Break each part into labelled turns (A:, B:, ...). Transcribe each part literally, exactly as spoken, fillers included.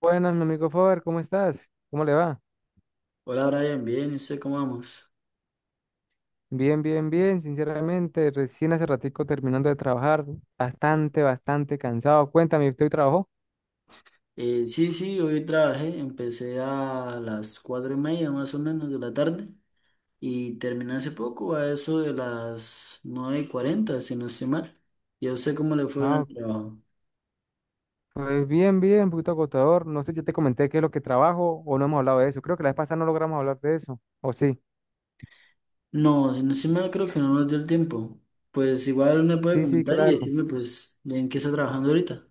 A: Buenas, mi amigo Faber, ¿cómo estás? ¿Cómo le va?
B: Hola Brian, bien, ¿y usted cómo vamos?
A: Bien, bien, bien, sinceramente, recién hace ratico terminando de trabajar, bastante, bastante cansado. Cuéntame, ¿usted hoy trabajó?
B: Eh, sí, sí, hoy trabajé, empecé a las cuatro y media más o menos de la tarde y terminé hace poco, a eso de las nueve y cuarenta, si no estoy mal. ¿Y a usted cómo le fue en el
A: Ah,
B: trabajo?
A: pues bien, bien, un poquito agotador. No sé, ya te comenté qué es lo que trabajo o no hemos hablado de eso. Creo que la vez pasada no logramos hablar de eso. ¿O sí?
B: No, si no estoy mal, creo que no nos dio el tiempo. Pues igual me puede
A: Sí, sí,
B: comentar y
A: claro.
B: decirme, pues, en qué está trabajando ahorita.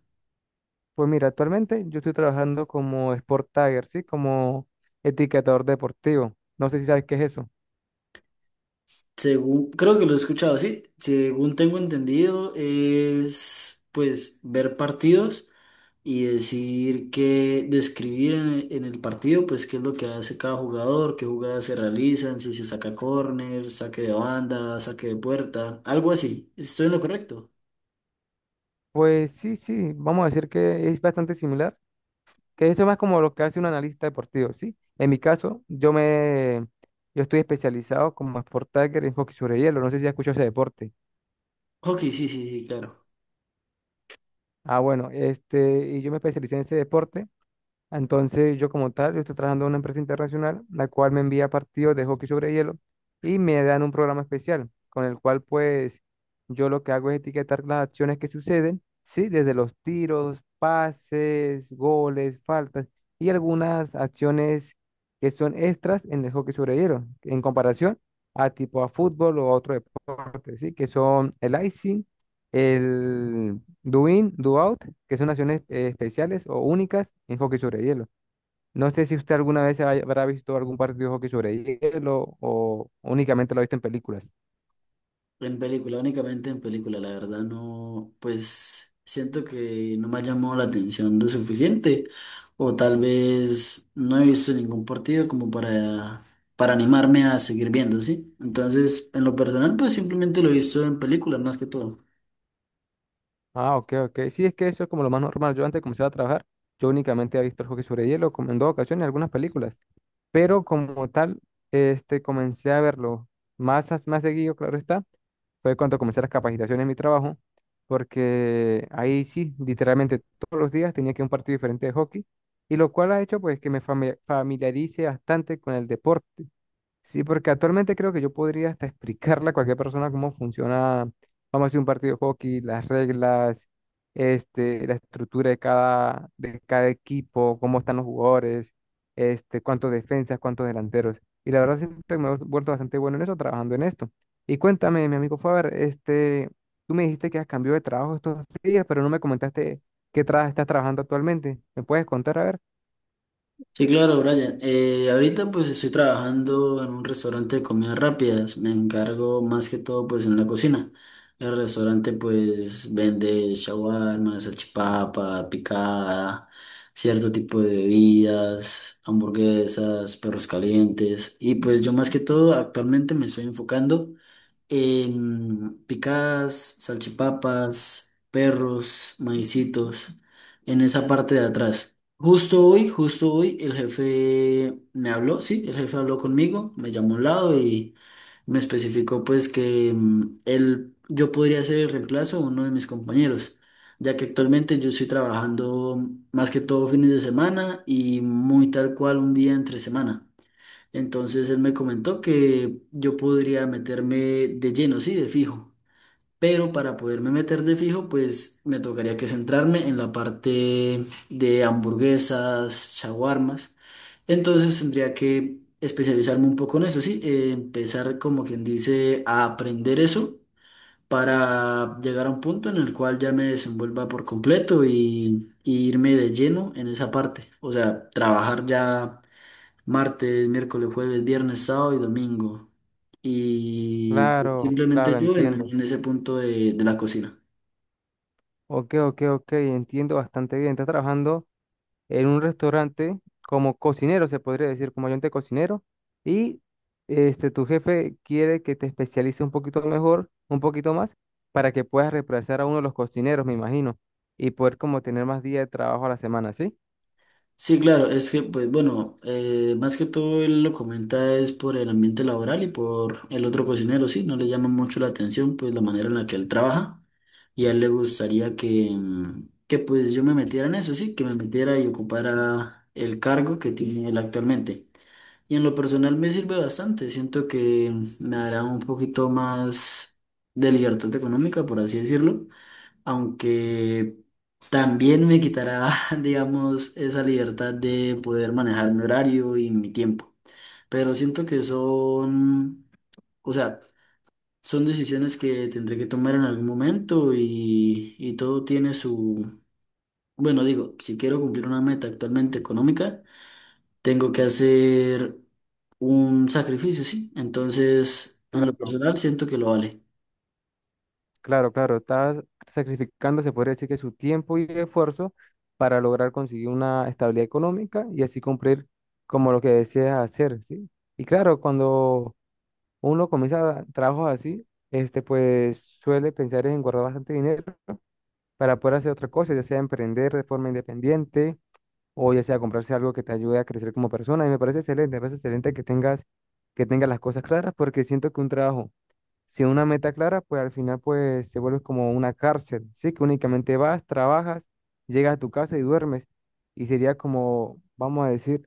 A: Pues mira, actualmente yo estoy trabajando como Sport Tagger, ¿sí? Como etiquetador deportivo. No sé si sabes qué es eso.
B: Según, creo que lo he escuchado así, según tengo entendido, es pues ver partidos y decir que, describir en, en el partido, pues qué es lo que hace cada jugador, qué jugadas se realizan, si se saca córner, saque de banda, saque de puerta, algo así. ¿Estoy en lo correcto?
A: Pues sí, sí, vamos a decir que es bastante similar. Que eso es más como lo que hace un analista deportivo, ¿sí? En mi caso, yo me, yo estoy especializado como Sport Tagger en hockey sobre hielo, no sé si has escuchado ese deporte.
B: Ok, sí, sí, sí, claro.
A: Ah, bueno, este, y yo me especialicé en ese deporte. Entonces, yo como tal, yo estoy trabajando en una empresa internacional, la cual me envía partidos de hockey sobre hielo y me dan un programa especial, con el cual pues yo lo que hago es etiquetar las acciones que suceden, sí, desde los tiros, pases, goles, faltas y algunas acciones que son extras en el hockey sobre hielo, en comparación a tipo a fútbol o a otro deporte, sí, que son el icing, el do in, do out, que son acciones eh, especiales o únicas en hockey sobre hielo. No sé si usted alguna vez haya- habrá visto algún partido de hockey sobre hielo o únicamente lo ha visto en películas.
B: En película, únicamente en película, la verdad no, pues siento que no me ha llamado la atención lo suficiente o tal vez no he visto ningún partido como para, para animarme a seguir viendo, ¿sí? Entonces, en lo personal, pues simplemente lo he visto en película más que todo.
A: Ah, ok, ok. Sí, es que eso es como lo más normal. Yo antes de comenzar a trabajar, yo únicamente había visto el hockey sobre hielo como en dos ocasiones, algunas películas. Pero como tal, este, comencé a verlo más, as- más seguido, claro está, fue cuando comencé las capacitaciones en mi trabajo, porque ahí sí, literalmente todos los días tenía que ir a un partido diferente de hockey, y lo cual ha hecho pues que me fami- familiarice bastante con el deporte. Sí, porque actualmente creo que yo podría hasta explicarle a cualquier persona cómo funciona, vamos a decir, un partido de hockey, las reglas, este, la estructura de cada, de cada equipo, cómo están los jugadores, este, cuántos defensas, cuántos delanteros. Y la verdad siento que me he vuelto bastante bueno en eso, trabajando en esto. Y cuéntame, mi amigo Faber, este, tú me dijiste que has cambiado de trabajo estos días, pero no me comentaste qué trabajo estás trabajando actualmente. ¿Me puedes contar? A ver.
B: Sí, claro, Brian. Eh, ahorita pues estoy trabajando en un restaurante de comidas rápidas. Me encargo más que todo pues en la cocina. El restaurante pues vende shawarma, salchipapa, picada, cierto tipo de bebidas, hamburguesas, perros calientes. Y pues yo más que todo actualmente me estoy enfocando en picadas, salchipapas, perros, maicitos, en esa parte de atrás. Justo hoy, justo hoy, el jefe me habló, sí, el jefe habló conmigo, me llamó a un lado y me especificó pues que mm, él, yo podría ser el reemplazo de uno de mis compañeros, ya que actualmente yo estoy trabajando más que todo fines de semana y muy tal cual un día entre semana. Entonces él me comentó que yo podría meterme de lleno, sí, de fijo. Pero para poderme meter de fijo, pues me tocaría que centrarme en la parte de hamburguesas, shawarmas. Entonces tendría que especializarme un poco en eso, sí. eh, empezar, como quien dice, a aprender eso para llegar a un punto en el cual ya me desenvuelva por completo y, y irme de lleno en esa parte. O sea, trabajar ya martes, miércoles, jueves, viernes, sábado y domingo. Y pues,
A: Claro, claro,
B: simplemente yo en,
A: entiendo.
B: en ese punto de, de la cocina.
A: Ok, ok, ok, entiendo bastante bien. Estás trabajando en un restaurante como cocinero, se podría decir, como ayudante cocinero, y este, tu jefe quiere que te especialices un poquito mejor, un poquito más, para que puedas reemplazar a uno de los cocineros, me imagino, y poder como tener más días de trabajo a la semana, ¿sí?
B: Sí, claro, es que, pues bueno, eh, más que todo él lo comenta es por el ambiente laboral y por el otro cocinero, sí, no le llama mucho la atención, pues la manera en la que él trabaja y a él le gustaría que, mm, que pues yo me metiera en eso, sí, que me metiera y ocupara el cargo que tiene él actualmente. Y en lo personal me sirve bastante, siento que me dará un poquito más de libertad económica, por así decirlo, aunque también me quitará, digamos, esa libertad de poder manejar mi horario y mi tiempo. Pero siento que son, o sea, son decisiones que tendré que tomar en algún momento y, y todo tiene su, bueno, digo, si quiero cumplir una meta actualmente económica, tengo que hacer un sacrificio, sí. Entonces, en lo
A: Cla-
B: personal, siento que lo vale.
A: Claro, claro, estás sacrificando, se podría decir que su tiempo y esfuerzo para lograr conseguir una estabilidad económica y así cumplir como lo que deseas hacer, ¿sí? Y claro, cuando uno comienza trabajos así, este, pues suele pensar en guardar bastante dinero para poder hacer otra cosa, ya sea emprender de forma independiente o ya sea comprarse algo que te ayude a crecer como persona. Y me parece excelente, me parece excelente que tengas, que tengas las cosas claras porque siento que un trabajo sin una meta clara, pues al final pues se vuelve como una cárcel, ¿sí? Que únicamente vas, trabajas, llegas a tu casa y duermes. Y sería como, vamos a decir,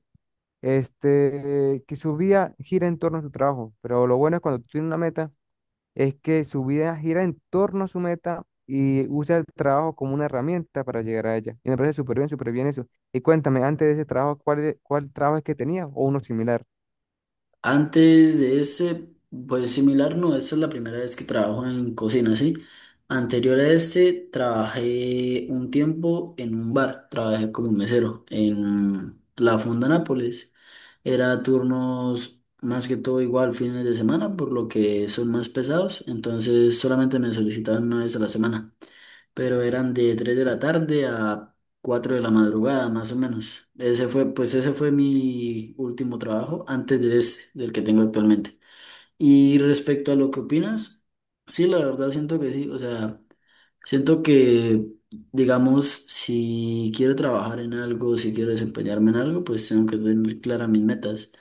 A: este, que su vida gira en torno a su trabajo. Pero lo bueno es cuando tú tienes una meta es que su vida gira en torno a su meta y usa el trabajo como una herramienta para llegar a ella. Y me parece súper bien, súper bien eso. Y cuéntame, antes de ese trabajo, ¿cuál, e- cuál trabajo es que tenía o uno similar?
B: Antes de ese, pues similar, no, esta es la primera vez que trabajo en cocina, ¿sí? Anterior a este, trabajé un tiempo en un bar, trabajé como mesero en la Fonda Nápoles. Era turnos más que todo igual fines de semana, por lo que son más pesados, entonces solamente me solicitaban una vez a la semana, pero eran de tres de la tarde a cuatro de la madrugada, más o menos. Ese fue, pues ese fue mi último trabajo antes de ese, del que tengo actualmente. Y respecto a lo que opinas, sí, la verdad siento que sí, o sea. Siento que, digamos, si quiero trabajar en algo, si quiero desempeñarme en algo, pues tengo que tener claras mis metas,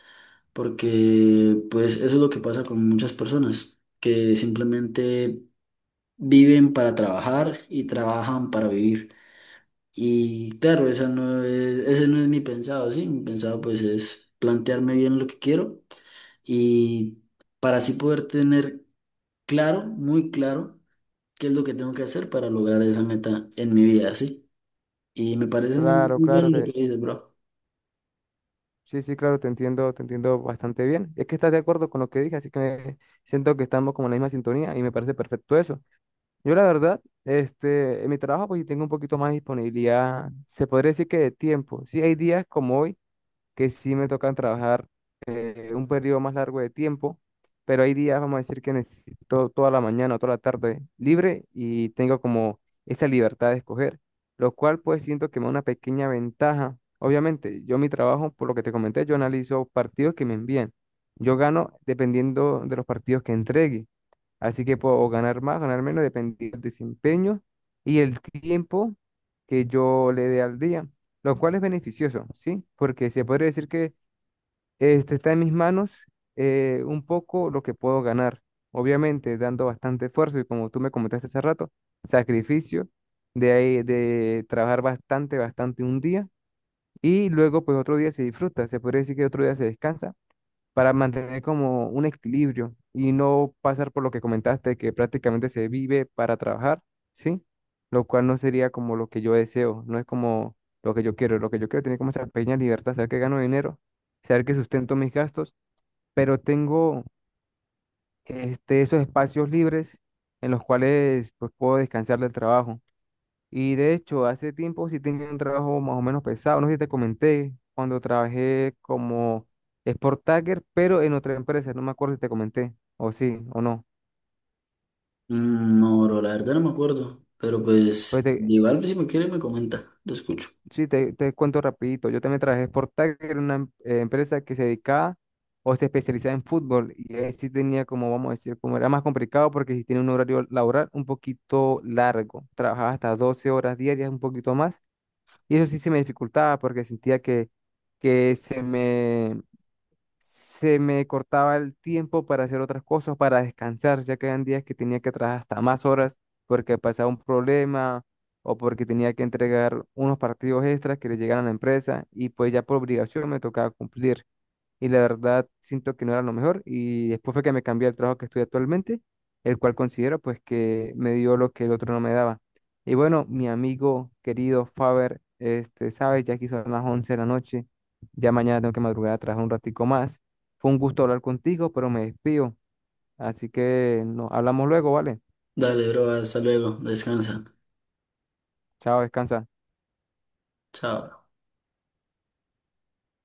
B: porque pues eso es lo que pasa con muchas personas, que simplemente viven para trabajar y trabajan para vivir. Y claro, esa no es, ese no es mi pensado, ¿sí? Mi pensado pues es plantearme bien lo que quiero y para así poder tener claro, muy claro qué es lo que tengo que hacer para lograr esa meta en mi vida, ¿sí? Y me parece muy,
A: Claro,
B: muy
A: claro,
B: bien lo que
A: te,
B: dices, bro.
A: sí, sí, claro, te entiendo, te entiendo bastante bien. Es que estás de acuerdo con lo que dije, así que me- siento que estamos como en la misma sintonía y me parece perfecto eso. Yo la verdad, este, en mi trabajo pues sí tengo un poquito más de disponibilidad, se podría decir que de tiempo. Sí, hay días como hoy que sí me tocan trabajar eh, un periodo más largo de tiempo, pero hay días, vamos a decir, que necesito toda la mañana o toda la tarde libre y tengo como esa libertad de escoger, lo cual pues siento que me da una pequeña ventaja. Obviamente, yo mi trabajo, por lo que te comenté, yo analizo partidos que me envían. Yo gano dependiendo de los partidos que entregue. Así que puedo ganar más, ganar menos, dependiendo del desempeño y el tiempo que yo le dé al día, lo cual es beneficioso, ¿sí? Porque se podría decir que este, está en mis manos eh, un poco lo que puedo ganar, obviamente dando bastante esfuerzo y como tú me comentaste hace rato, sacrificio de, ahí- de trabajar bastante, bastante un día y luego pues otro día se disfruta, se podría decir que otro día se descansa para mantener como un equilibrio y no pasar por lo que comentaste, que prácticamente se vive para trabajar, ¿sí? Lo cual no sería como lo que yo deseo, no es como lo que yo quiero, lo que yo quiero es tener como esa pequeña libertad, saber que gano dinero, saber que sustento mis gastos, pero tengo este, esos espacios libres en los cuales pues, puedo descansar del trabajo. Y de hecho, hace tiempo sí tenía un trabajo más o menos pesado, no sé si te comenté, cuando trabajé como Sport Tagger, pero en otra empresa, no me acuerdo si te comenté, o sí, o no.
B: Mm, No, bro, la verdad no me acuerdo, pero
A: Pues
B: pues
A: te,
B: igual si me quiere me comenta, lo escucho.
A: sí, te, te cuento rapidito, yo también trabajé Sport Tagger en una em- eh, empresa que se dedicaba o se especializaba en fútbol, y ahí sí tenía como, vamos a decir, como era más complicado porque sí tiene un horario laboral un poquito largo, trabajaba hasta doce horas diarias, un poquito más, y eso sí se me dificultaba porque sentía que que se me se me cortaba el tiempo para hacer otras cosas, para descansar, ya que habían días que tenía que trabajar hasta más horas porque pasaba un problema o porque tenía que entregar unos partidos extras que le llegaran a la empresa y pues ya por obligación me tocaba cumplir y la verdad siento que no era lo mejor y después fue que me cambié al trabajo que estoy actualmente, el cual considero pues que me dio lo que el otro no me daba. Y bueno, mi amigo querido Faber, este, sabes, ya aquí son las once de la noche, ya mañana tengo que madrugar a trabajar un ratico más. Fue un gusto hablar contigo, pero me despido, así que nos hablamos luego, ¿vale?
B: Dale, bro, hasta luego, descansa,
A: Chao, descansa.
B: chao.